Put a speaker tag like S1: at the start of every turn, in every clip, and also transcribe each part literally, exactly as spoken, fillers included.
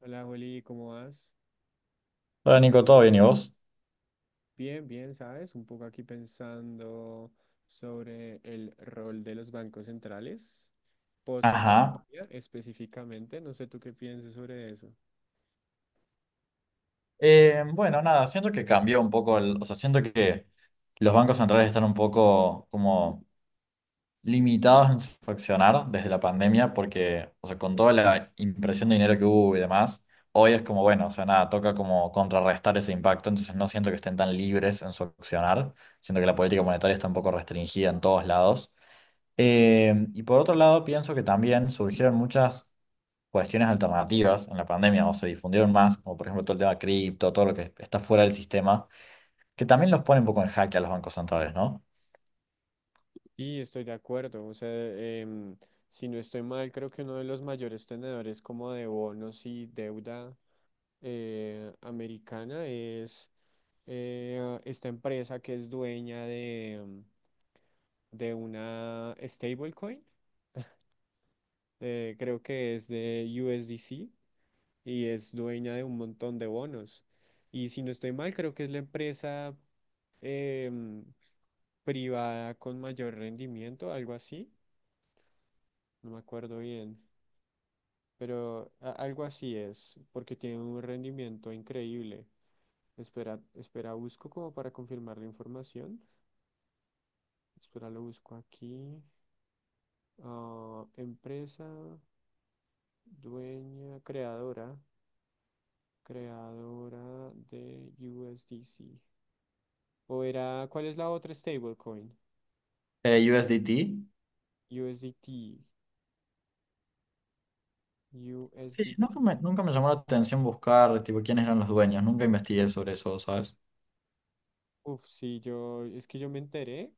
S1: Hola, Juli, ¿cómo vas?
S2: Hola Nico, ¿todo bien y vos?
S1: Bien, bien, ¿sabes? Un poco aquí pensando sobre el rol de los bancos centrales post
S2: Ajá.
S1: pandemia específicamente. No sé tú qué piensas sobre eso.
S2: Eh, bueno, nada, siento que cambió un poco el, o sea, siento que los bancos centrales están un poco como limitados en su accionar desde la pandemia porque, o sea, con toda la impresión de dinero que hubo y demás, hoy es como, bueno, o sea, nada, toca como contrarrestar ese impacto, entonces no siento que estén tan libres en su accionar, siento que la política monetaria está un poco restringida en todos lados. Eh, y por otro lado, pienso que también surgieron muchas cuestiones alternativas en la pandemia o se difundieron más, como por ejemplo todo el tema cripto, todo lo que está fuera del sistema, que también los pone un poco en jaque a los bancos centrales, ¿no?
S1: Y estoy de acuerdo, o sea, em, si no estoy mal, creo que uno de los mayores tenedores como de bonos y deuda eh, americana es eh, esta empresa que es dueña de, de una stablecoin. Eh, creo que es de U S D C y es dueña de un montón de bonos. Y si no estoy mal, creo que es la empresa em, privada con mayor rendimiento, algo así, no me acuerdo bien, pero a- algo así es, porque tiene un rendimiento increíble. Espera, espera, busco como para confirmar la información. Espera, lo busco aquí. Ah, empresa dueña, creadora. Creadora de U S D C. O era, ¿cuál es la otra stablecoin?
S2: Eh, U S D T.
S1: U S D T,
S2: Sí, nunca
S1: U S D T.
S2: me, nunca me llamó la atención buscar, tipo, quiénes eran los dueños, nunca investigué sobre eso, ¿sabes?
S1: Uf, sí, yo, es que yo me enteré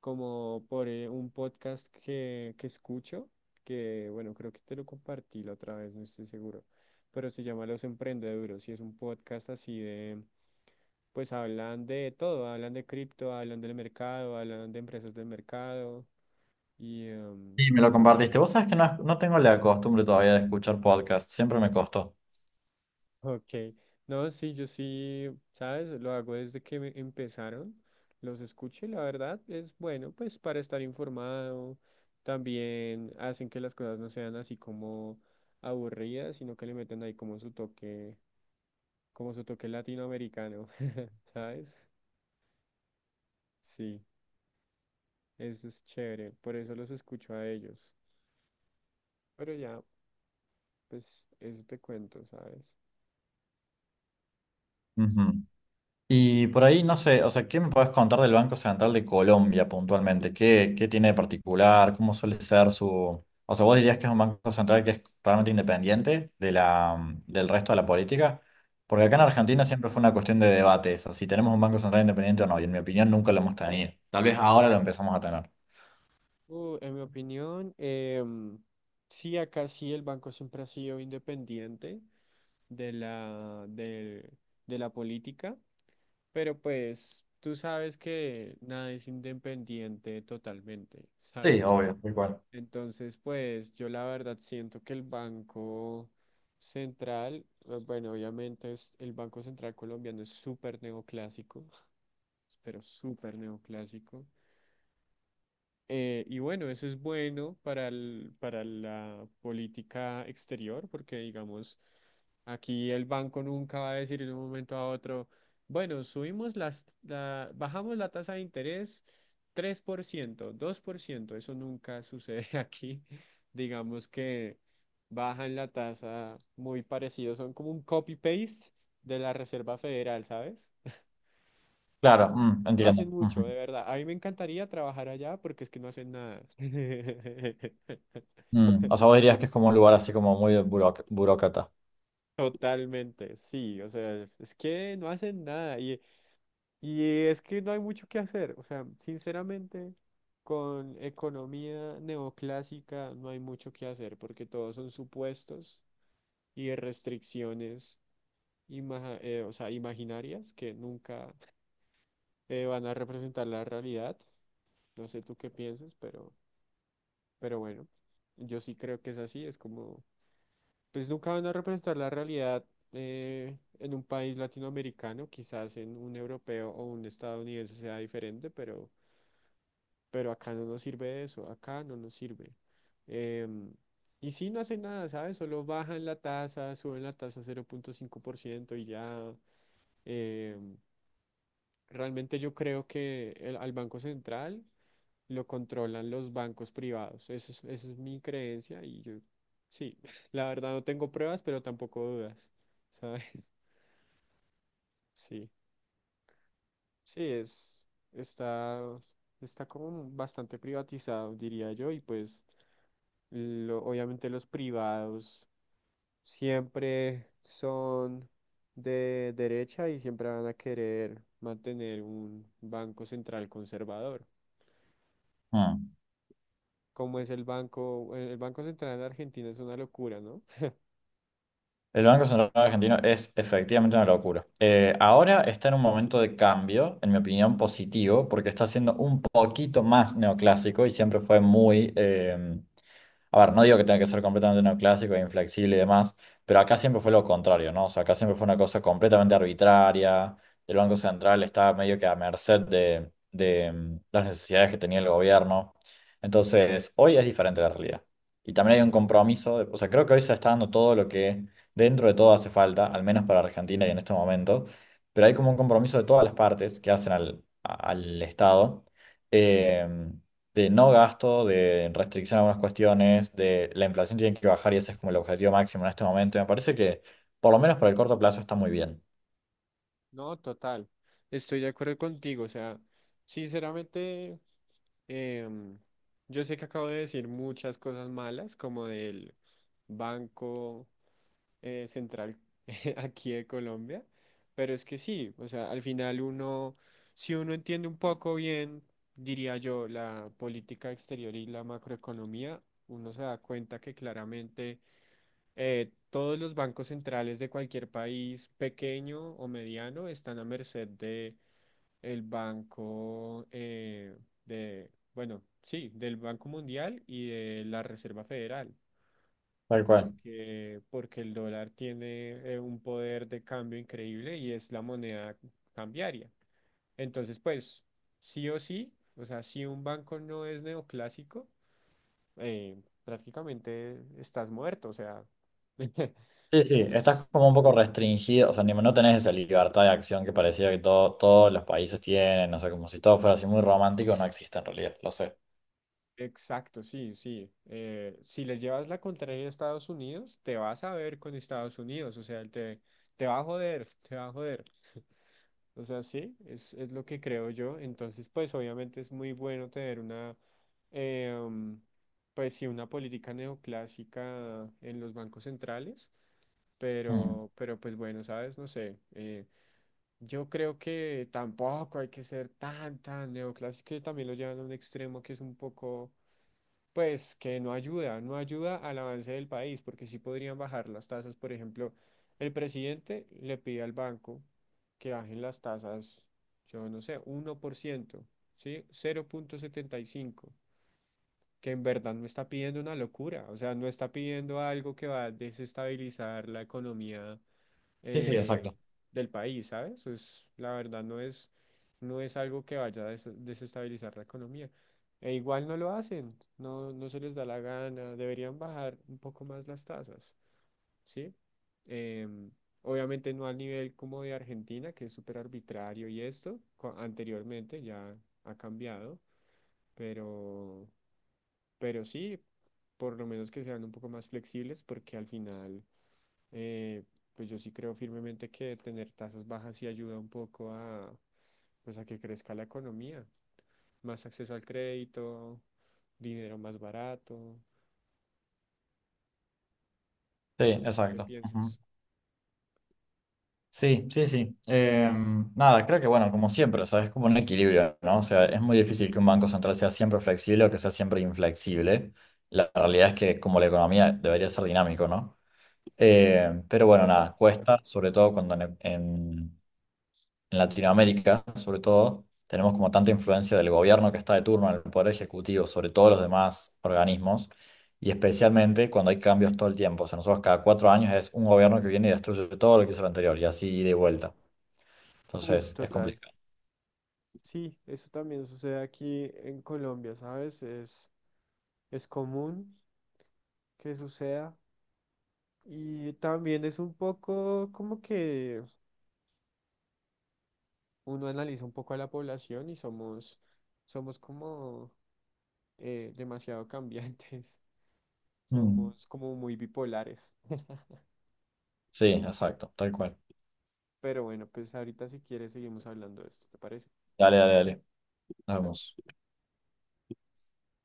S1: como por eh, un podcast que, que escucho, que bueno, creo que te lo compartí la otra vez, no estoy seguro, pero se llama Los Emprendeduros y es un podcast así de, pues hablan de todo, hablan de cripto, hablan del mercado, hablan de empresas del mercado y... em,
S2: Y me lo compartiste. Vos sabés que no, no tengo la costumbre todavía de escuchar podcasts, siempre me costó.
S1: Ok, no, sí, yo sí, ¿sabes? Lo hago desde que me empezaron, los escucho y la verdad es bueno, pues para estar informado, también hacen que las cosas no sean así como aburridas, sino que le meten ahí como su toque, como su toque latinoamericano, ¿sabes? Sí, eso es chévere, por eso los escucho a ellos, pero ya, pues eso te cuento, ¿sabes?
S2: Ujú. Y por ahí, no sé, o sea, ¿qué me puedes contar del Banco Central de Colombia puntualmente? ¿Qué, qué tiene de particular? ¿Cómo suele ser su... O sea, ¿vos dirías que es un banco central que es realmente independiente de la, mm, del resto de la política? Porque acá en Argentina siempre fue una cuestión de debate esa, si tenemos un banco central independiente o no, y en mi opinión nunca lo hemos tenido. Tal vez ahora lo empezamos a tener.
S1: Uh, en mi opinión, em, sí, acá sí el banco siempre ha sido independiente de la, del- de la política, pero pues tú sabes que nada es independiente totalmente,
S2: Sí,
S1: ¿sabes?
S2: obvio, muy bueno.
S1: Entonces, pues yo la verdad siento que el Banco Central, eh, bueno, obviamente es, el Banco Central colombiano es súper neoclásico, pero súper neoclásico. Eh, y bueno, eso es bueno para el- para la política exterior, porque digamos, aquí el banco nunca va a decir de un momento a otro, bueno, subimos las, la, bajamos la tasa de interés tres por ciento, dos por ciento, eso nunca sucede aquí. Digamos que bajan la tasa muy parecido, son como un copy-paste de la Reserva Federal, ¿sabes?
S2: Claro,
S1: No,
S2: mm,
S1: no
S2: entiendo.
S1: hacen mucho,
S2: Ujú.
S1: de verdad. A mí me encantaría trabajar allá porque es que no hacen nada.
S2: Mm, o sea, vos dirías que es como un lugar así como muy buroc- burócrata.
S1: Totalmente, sí, o sea, es que no hacen nada y, y es que no hay mucho que hacer, o sea, sinceramente, con economía neoclásica no hay mucho que hacer porque todos son supuestos y restricciones, ima- eh, o sea, imaginarias que nunca eh, van a representar la realidad. No sé tú qué piensas, pero... Pero bueno, yo sí creo que es así, es como, pues nunca van a representar la realidad eh, en un país latinoamericano, quizás en un europeo o un estadounidense sea diferente, pero, pero acá no nos sirve eso, acá no nos sirve. Em, y sí, no hacen nada, ¿sabes? Solo bajan la tasa, suben la tasa cero punto cinco por ciento y ya. em, Realmente yo creo que el- al Banco Central. Lo controlan los bancos privados. Eso es, esa es mi creencia y yo, sí, la verdad no tengo pruebas, pero tampoco dudas, ¿sabes? Sí, sí, es, está, está como bastante privatizado, diría yo, y pues lo- obviamente los privados siempre son de derecha y siempre van a querer mantener un banco central conservador.
S2: Mm.
S1: Como es el banco, el Banco Central de Argentina es una locura, ¿no?
S2: El Banco Central Argentino es efectivamente una locura. Eh, ahora está en un momento de cambio, en mi opinión, positivo, porque está siendo un poquito más neoclásico y siempre fue muy eh, a ver, no digo que tenga que ser completamente neoclásico e inflexible y demás, pero acá siempre fue lo contrario, ¿no? O sea, acá siempre fue una cosa completamente arbitraria. El Banco Central estaba medio que a merced de, de, mm, las necesidades que tenía el gobierno. Entonces, hoy es diferente la realidad. Y también hay un compromiso, de- o sea, creo que hoy se está dando todo lo que dentro de todo hace falta, al menos para Argentina y en este momento, pero hay como un compromiso de todas las partes que hacen al, a- al Estado. em, de no gasto, de restricción a algunas cuestiones, de la inflación tiene que bajar y ese es como el objetivo máximo en este momento. Y me parece que, por lo menos por el corto plazo, está muy bien.
S1: No, total. Estoy de acuerdo contigo. O sea, sinceramente, em, yo sé que acabo de decir muchas cosas malas, como del Banco eh, Central aquí de Colombia, pero es que sí, o sea, al final uno, si uno entiende un poco bien, diría yo, la política exterior y la macroeconomía, uno se da cuenta que claramente eh, todos los bancos centrales de cualquier país pequeño o mediano están a merced de el banco eh, de, bueno, sí, del Banco Mundial y de la Reserva Federal,
S2: Tal cual.
S1: porque, porque el dólar tiene eh, un poder de cambio increíble y es la moneda cambiaria. Entonces, pues, sí o sí, o sea, si un banco no es neoclásico, eh, prácticamente estás muerto, o sea.
S2: Sí, sí,
S1: Entonces,
S2: estás como un poco restringido, o sea, ni- no tenés esa libertad de acción que parecía que todo- todos los países tienen, o sea, como si todo fuera así muy romántico, no existe en realidad, lo sé.
S1: exacto, sí, sí. Eh, si le llevas la contraria a Estados Unidos, te vas a ver con Estados Unidos, o sea, él te, te va a joder, te va a joder. O sea, sí, es, es lo que creo yo. Entonces, pues obviamente es muy bueno tener una, eh, um, pues sí, una política neoclásica en los bancos centrales,
S2: Mm.
S1: pero, pero pues bueno, sabes, no sé. Eh, yo creo que tampoco hay que ser tan, tan neoclásico, que también lo llevan a un extremo que es un poco pues que no ayuda, no ayuda al avance del país, porque sí podrían bajar las tasas. Por ejemplo, el presidente le pide al banco que bajen las tasas, yo no sé, uno por ciento, ¿sí? Cero punto setenta y cinco, que en verdad no está pidiendo una locura, o sea, no está pidiendo algo que va a desestabilizar la economía
S2: Sí, sí,
S1: eh,
S2: exacto.
S1: del país, ¿sabes? Es, la verdad no es, no es algo que vaya a des- desestabilizar la economía. E igual no lo hacen, no, no se les da la gana, deberían bajar un poco más las tasas, ¿sí? Em, Obviamente no al nivel como de Argentina, que es súper arbitrario y esto, co- anteriormente ya ha cambiado, pero, pero sí, por lo menos que sean un poco más flexibles, porque al final eh, pues yo sí creo firmemente que tener tasas bajas sí ayuda un poco a, pues a que crezca la economía, más acceso al crédito, dinero más barato,
S2: Sí,
S1: no sé tú qué
S2: exacto.
S1: piensas.
S2: Sí, sí, sí. Eh, nada, creo que bueno, como siempre, o sea, es como un equilibrio, ¿no? O sea, es muy difícil que un banco central sea siempre flexible o que sea siempre inflexible. La realidad es que como la economía debería ser dinámico, ¿no? Eh, pero bueno,
S1: Total.
S2: nada, cuesta, sobre todo cuando en, en- en Latinoamérica, sobre todo, tenemos como tanta influencia del gobierno que está de turno en el poder ejecutivo sobre todos los demás organismos y especialmente cuando hay cambios todo el tiempo. O sea, nosotros cada cuatro años es un gobierno que viene y destruye todo lo que hizo el anterior y así de vuelta.
S1: Uf,
S2: Entonces, es
S1: total.
S2: complicado.
S1: Sí, eso también sucede aquí en Colombia, ¿sabes? Es, es común que suceda y también es un poco como que uno analiza un poco a la población y somos, somos como eh, demasiado cambiantes.
S2: Mm.
S1: Somos como muy bipolares.
S2: Sí, exacto, tal cual.
S1: Pero bueno, pues ahorita si quieres seguimos hablando de esto, ¿te parece?
S2: Dale, dale, dale. Nos
S1: Dale.
S2: vemos.